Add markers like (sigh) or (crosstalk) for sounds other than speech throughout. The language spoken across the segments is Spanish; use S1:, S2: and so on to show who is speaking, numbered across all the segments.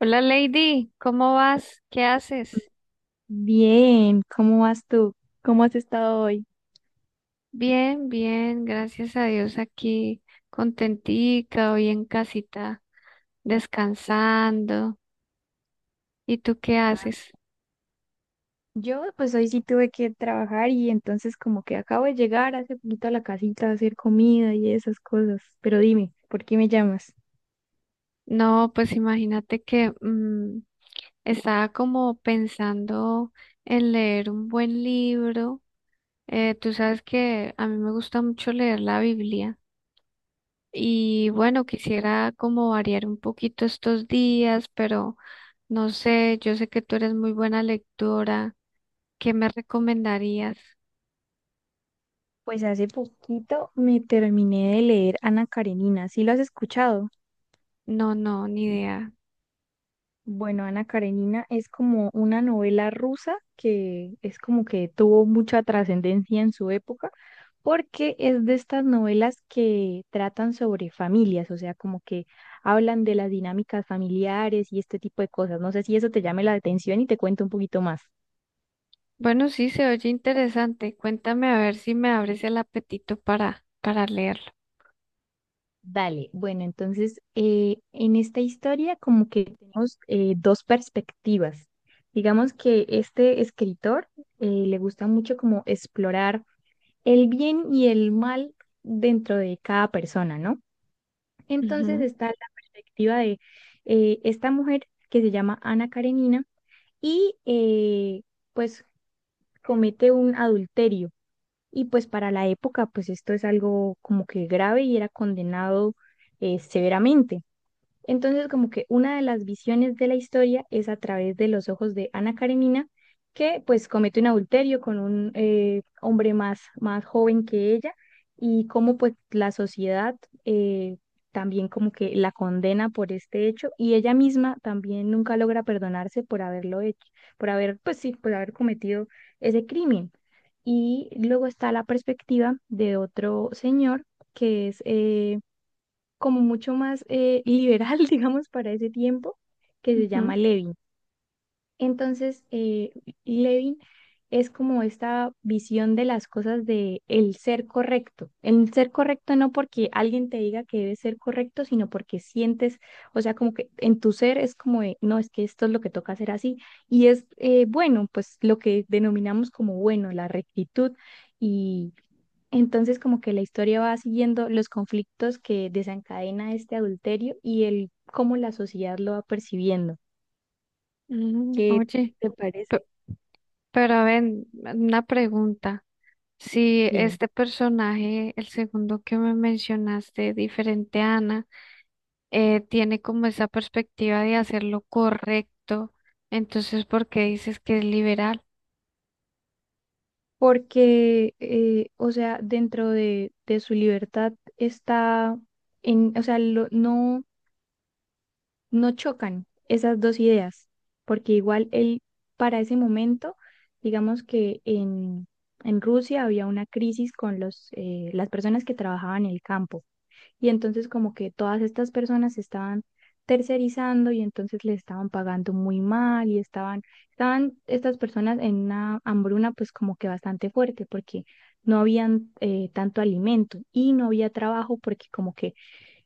S1: Hola Lady, ¿cómo vas? ¿Qué haces?
S2: Bien, ¿cómo vas tú? ¿Cómo has estado hoy?
S1: Bien, bien, gracias a Dios aquí, contentica, hoy en casita, descansando. ¿Y tú qué haces?
S2: Yo pues hoy sí tuve que trabajar y entonces como que acabo de llegar hace poquito a la casita a hacer comida y esas cosas. Pero dime, ¿por qué me llamas?
S1: No, pues imagínate que estaba como pensando en leer un buen libro. Tú sabes que a mí me gusta mucho leer la Biblia. Y bueno, quisiera como variar un poquito estos días, pero no sé, yo sé que tú eres muy buena lectora. ¿Qué me recomendarías?
S2: Pues hace poquito me terminé de leer Ana Karenina, ¿sí lo has escuchado?
S1: No, no, ni idea.
S2: Bueno, Ana Karenina es como una novela rusa que es como que tuvo mucha trascendencia en su época porque es de estas novelas que tratan sobre familias, o sea, como que hablan de las dinámicas familiares y este tipo de cosas. No sé si eso te llame la atención y te cuento un poquito más.
S1: Bueno, sí, se oye interesante. Cuéntame a ver si me abres el apetito para leerlo.
S2: Dale, bueno, entonces en esta historia como que tenemos dos perspectivas. Digamos que este escritor le gusta mucho como explorar el bien y el mal dentro de cada persona, ¿no? Entonces
S1: Ujú,
S2: está la perspectiva de esta mujer que se llama Ana Karenina y pues comete un adulterio. Y pues para la época, pues esto es algo como que grave y era condenado severamente. Entonces, como que una de las visiones de la historia es a través de los ojos de Ana Karenina, que pues comete un adulterio con un hombre más, más joven que ella y cómo pues la sociedad eh, también como que la condena por este hecho y ella misma también nunca logra perdonarse por haberlo hecho, por haber, pues sí, por haber cometido ese crimen. Y luego está la perspectiva de otro señor que es como mucho más liberal, (laughs) digamos, para ese tiempo, que se llama
S1: ujú,
S2: Levin. Entonces, Levin es como esta visión de las cosas de el ser correcto. El ser correcto no porque alguien te diga que debe ser correcto, sino porque sientes, o sea, como que en tu ser es como de, no, es que esto es lo que toca hacer así. Y es bueno, pues lo que denominamos como bueno, la rectitud entonces, como que la historia va siguiendo los conflictos que desencadena este adulterio y el cómo la sociedad lo va percibiendo.
S1: ujú.
S2: ¿Qué
S1: Oye,
S2: te
S1: pe-
S2: parece?
S1: pero ven, una pregunta. Si
S2: Dime.
S1: este personaje, el segundo que me mencionaste, diferente a Ana, tiene como esa perspectiva de hacer lo correcto. Entonces, ¿por qué dices que es liberal?
S2: Porque, o sea, dentro de su libertad está en, o sea, no, no chocan esas dos ideas, porque igual él para ese momento, digamos que en Rusia había una crisis con los, las personas que trabajaban en el campo. Y entonces como que todas estas personas se estaban tercerizando y entonces le estaban pagando muy mal y estaban, estaban estas personas en una hambruna pues como que bastante fuerte porque no habían tanto alimento y no había trabajo porque como que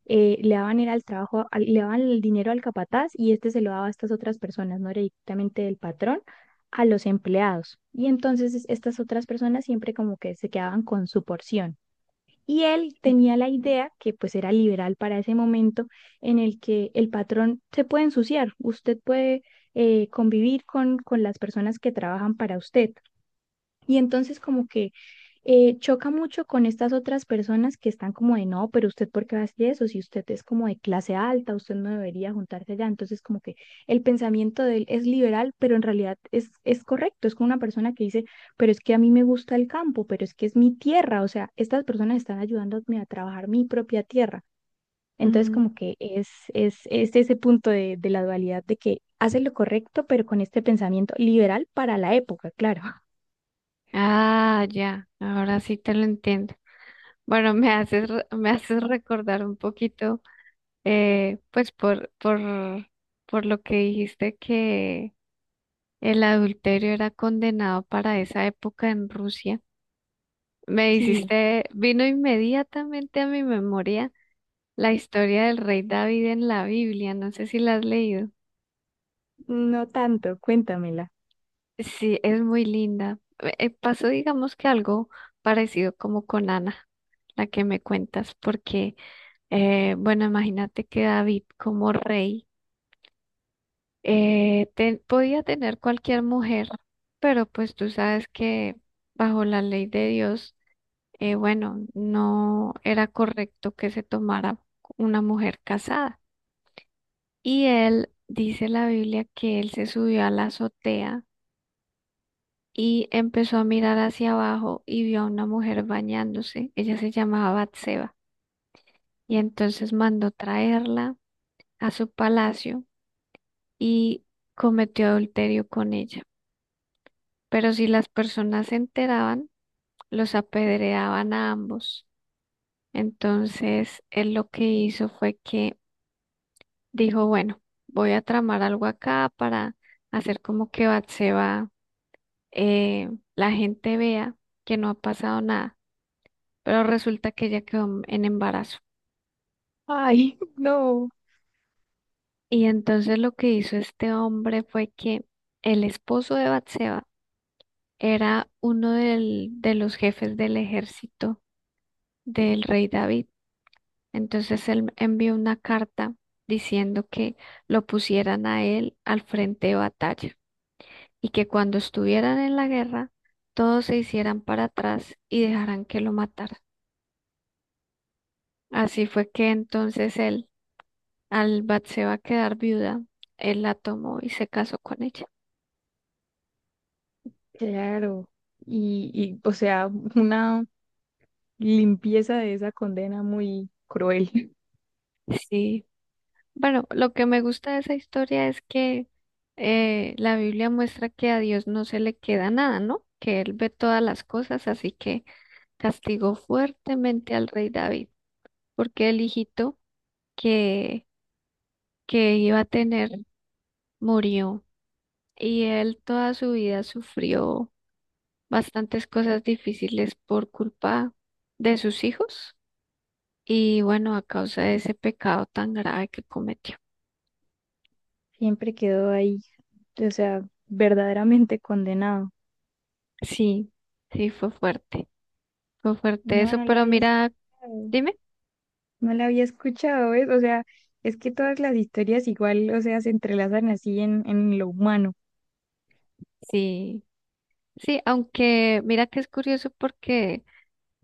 S2: le daban era el trabajo, le daban el dinero al capataz y este se lo daba a estas otras personas, no era directamente del patrón a los empleados. Y entonces estas otras personas siempre como que se quedaban con su porción. Y él
S1: (laughs) Sí.
S2: tenía la idea, que pues era liberal para ese momento, en el que el patrón se puede ensuciar, usted puede convivir con las personas que trabajan para usted. Y entonces como que choca mucho con estas otras personas que están como de no, pero usted por qué va a hacer eso, si usted es como de clase alta, usted no debería juntarse allá. Entonces, como que el pensamiento de él es liberal, pero en realidad es correcto. Es como una persona que dice, pero es que a mí me gusta el campo, pero es que es mi tierra. O sea, estas personas están ayudándome a trabajar mi propia tierra. Entonces,
S1: Mm.
S2: como que es ese punto de la dualidad de que hace lo correcto, pero con este pensamiento liberal para la época, claro. (laughs)
S1: Ah, ya, ahora sí te lo entiendo. Bueno, me haces, me haces recordar un poquito, eh, pues por, por, por lo que dijiste que el adulterio era condenado para esa época en Rusia. Me
S2: Sí,
S1: hiciste, vino inmediatamente a mi memoria la historia del rey David en la Biblia. No sé si la has leído.
S2: no tanto, cuéntamela.
S1: Sí, es muy linda. Pasó, digamos que algo parecido como con Ana, la que me cuentas, porque, bueno, imagínate que David como rey podía tener cualquier mujer, pero pues tú sabes que bajo la ley de Dios, bueno, no era correcto que se tomara una mujer casada. Y él, dice la Biblia, que él se subió a la azotea y empezó a mirar hacia abajo y vio a una mujer bañándose. Ella se llamaba Batseba y entonces mandó traerla a su palacio y cometió adulterio con ella. Pero si las personas se enteraban, los apedreaban a ambos. Entonces él lo que hizo fue que dijo, bueno, voy a tramar algo acá para hacer como que Batseba, eh, la gente vea que no ha pasado nada. Pero resulta que ella quedó en embarazo.
S2: Ay, no,
S1: Y entonces lo que hizo este hombre fue que el esposo de Batseba era de los jefes del ejército del rey David. Entonces él envió una carta diciendo que lo pusieran a él al frente de batalla y que cuando estuvieran en la guerra, todos se hicieran para atrás y dejaran que lo mataran. Así fue que entonces él Albat se va a quedar viuda. Él la tomó y se casó con ella.
S2: claro. Y, o sea, una limpieza de esa condena muy cruel.
S1: Sí. Bueno, lo que me gusta de esa historia es que la Biblia muestra que a Dios no se le queda nada, ¿no? Que Él ve todas las cosas, así que castigó fuertemente al rey David, porque el hijito que, que iba a tener murió y él toda su vida sufrió bastantes cosas difíciles por culpa de sus hijos. Y bueno, a causa de ese pecado tan grave que cometió.
S2: Siempre quedó ahí, o sea, verdaderamente condenado.
S1: Sí, sí, fue fuerte
S2: No,
S1: eso,
S2: no la
S1: pero
S2: había
S1: mira,
S2: escuchado.
S1: dime,
S2: No la había escuchado, ¿ves? O sea, es que todas las historias igual, o sea, se entrelazan así en lo humano.
S1: sí, sí, aunque mira que es curioso porque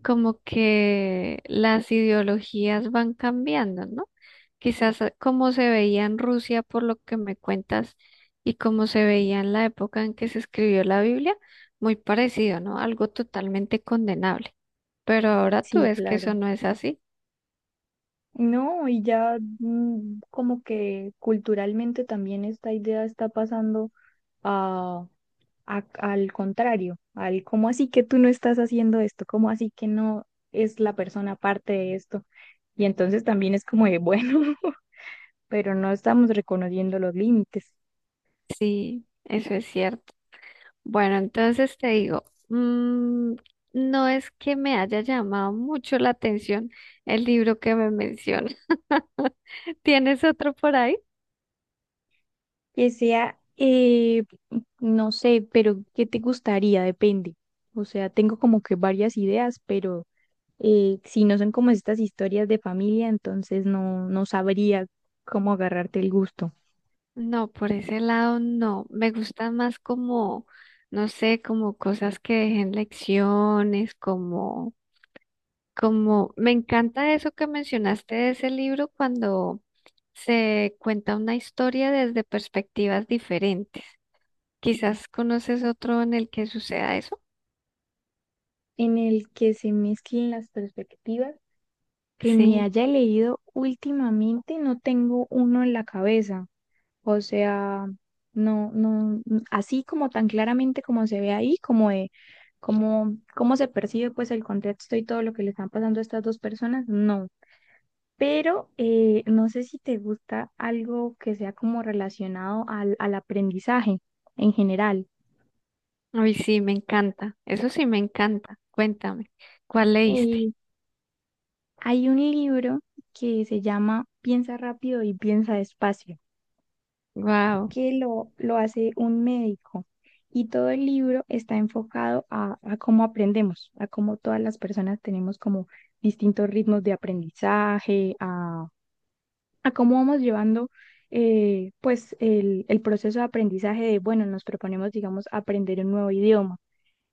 S1: como que las ideologías van cambiando, ¿no? Quizás como se veía en Rusia por lo que me cuentas y como se veía en la época en que se escribió la Biblia, muy parecido, ¿no? Algo totalmente condenable. Pero ahora tú
S2: Sí,
S1: ves que eso
S2: claro.
S1: no es así.
S2: No, y ya como que culturalmente también esta idea está pasando a al contrario, al cómo así que tú no estás haciendo esto, cómo así que no es la persona parte de esto. Y entonces también es como de, bueno, (laughs) pero no estamos reconociendo los límites.
S1: Sí, eso es cierto. Bueno, entonces te digo, mm, no es que me haya llamado mucho la atención el libro que me menciona. (laughs) ¿Tienes otro por ahí?
S2: Que sea, no sé, pero ¿qué te gustaría? Depende. O sea, tengo como que varias ideas, pero si no son como estas historias de familia, entonces no, no sabría cómo agarrarte el gusto.
S1: No, por ese lado no. Me gustan más no sé, como cosas que dejen lecciones, me encanta eso que mencionaste de ese libro cuando se cuenta una historia desde perspectivas diferentes. Quizás conoces otro en el que suceda eso.
S2: En el que se mezclen las perspectivas que me
S1: Sí,
S2: haya leído últimamente, no tengo uno en la cabeza. O sea, no, no, así como tan claramente como se ve ahí, como de cómo, cómo se percibe pues el contexto y todo lo que le están pasando a estas dos personas, no. Pero no sé si te gusta algo que sea como relacionado al, al aprendizaje en general.
S1: ay, sí, me encanta. Eso sí me encanta. Cuéntame, ¿cuál leíste?
S2: Eh, hay un libro que se llama Piensa rápido y piensa despacio.
S1: Wow.
S2: Que lo hace un médico. Y todo el libro está enfocado a cómo aprendemos, a cómo todas las personas tenemos como distintos ritmos de aprendizaje, a cómo vamos llevando pues el proceso de aprendizaje de, bueno, nos proponemos, digamos, aprender un nuevo idioma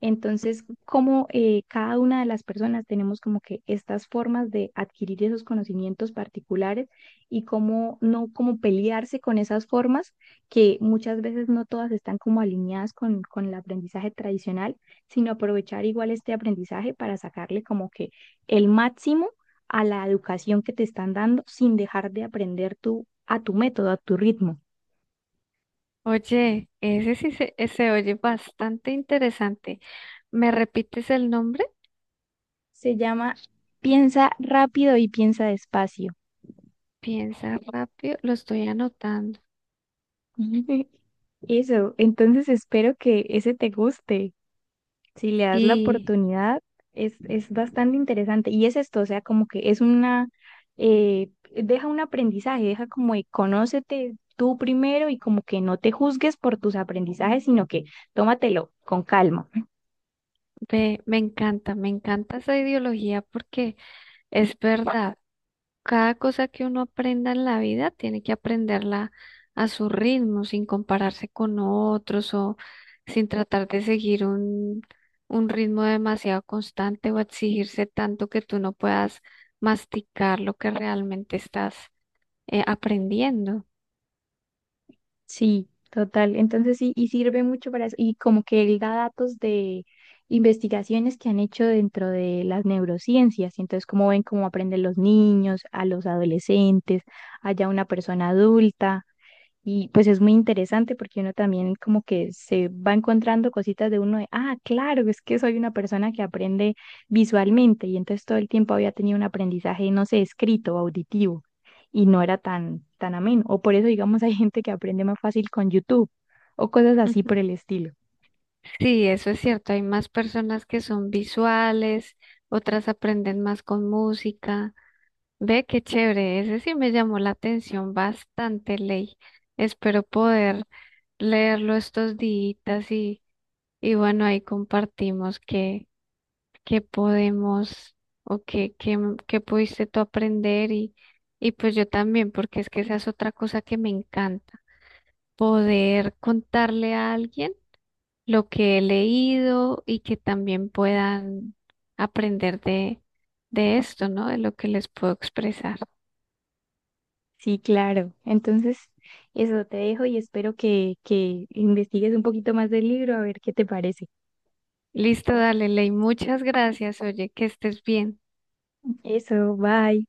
S2: entonces, como cada una de las personas tenemos como que estas formas de adquirir esos conocimientos particulares y cómo no como pelearse con esas formas que muchas veces no todas están como alineadas con el aprendizaje tradicional, sino aprovechar igual este aprendizaje para sacarle como que el máximo a la educación que te están dando sin dejar de aprender tú a tu método, a tu ritmo.
S1: Oye, se oye bastante interesante. ¿Me repites el nombre?
S2: Se llama Piensa rápido y piensa despacio.
S1: Piensa rápido, lo estoy anotando.
S2: Ujú. Eso, entonces espero que ese te guste. Si le das la
S1: Sí,
S2: oportunidad, es bastante interesante. Y es esto, o sea, como que es una, deja un aprendizaje, deja como de conócete tú primero y como que no te juzgues por tus aprendizajes, sino que tómatelo con calma.
S1: ve, me encanta esa ideología porque es verdad. Cada cosa que uno aprenda en la vida tiene que aprenderla a su ritmo, sin compararse con otros o sin tratar de seguir un ritmo demasiado constante o exigirse tanto que tú no puedas masticar lo que realmente estás aprendiendo.
S2: Sí, total. Entonces sí, y sirve mucho para eso. Y como que él da datos de investigaciones que han hecho dentro de las neurociencias. Y entonces, cómo ven cómo aprenden los niños, a los adolescentes, allá una persona adulta. Y pues es muy interesante porque uno también como que se va encontrando cositas de uno de, ah, claro, es que soy una persona que aprende visualmente y entonces todo el tiempo había tenido un aprendizaje, no sé, escrito, auditivo y no era tan, tan ameno. O por eso, digamos, (laughs) hay gente que aprende más fácil con YouTube o cosas así
S1: Ujú.
S2: por el estilo.
S1: Sí, eso es cierto. Hay más personas que son visuales, otras aprenden más con música. Ve qué chévere, ese sí me llamó la atención bastante, Ley. Espero poder leerlo estos días y bueno, ahí compartimos qué podemos o qué pudiste tú aprender y pues yo también, porque es que esa es otra cosa que me encanta, poder contarle a alguien lo que he leído y que también puedan aprender de esto, ¿no? De lo que les puedo expresar.
S2: Sí, claro. Entonces, eso te dejo y espero que investigues un poquito más del libro a ver qué te parece.
S1: Listo, dale, Ley. Muchas gracias. Oye, que estés bien.
S2: Eso, bye.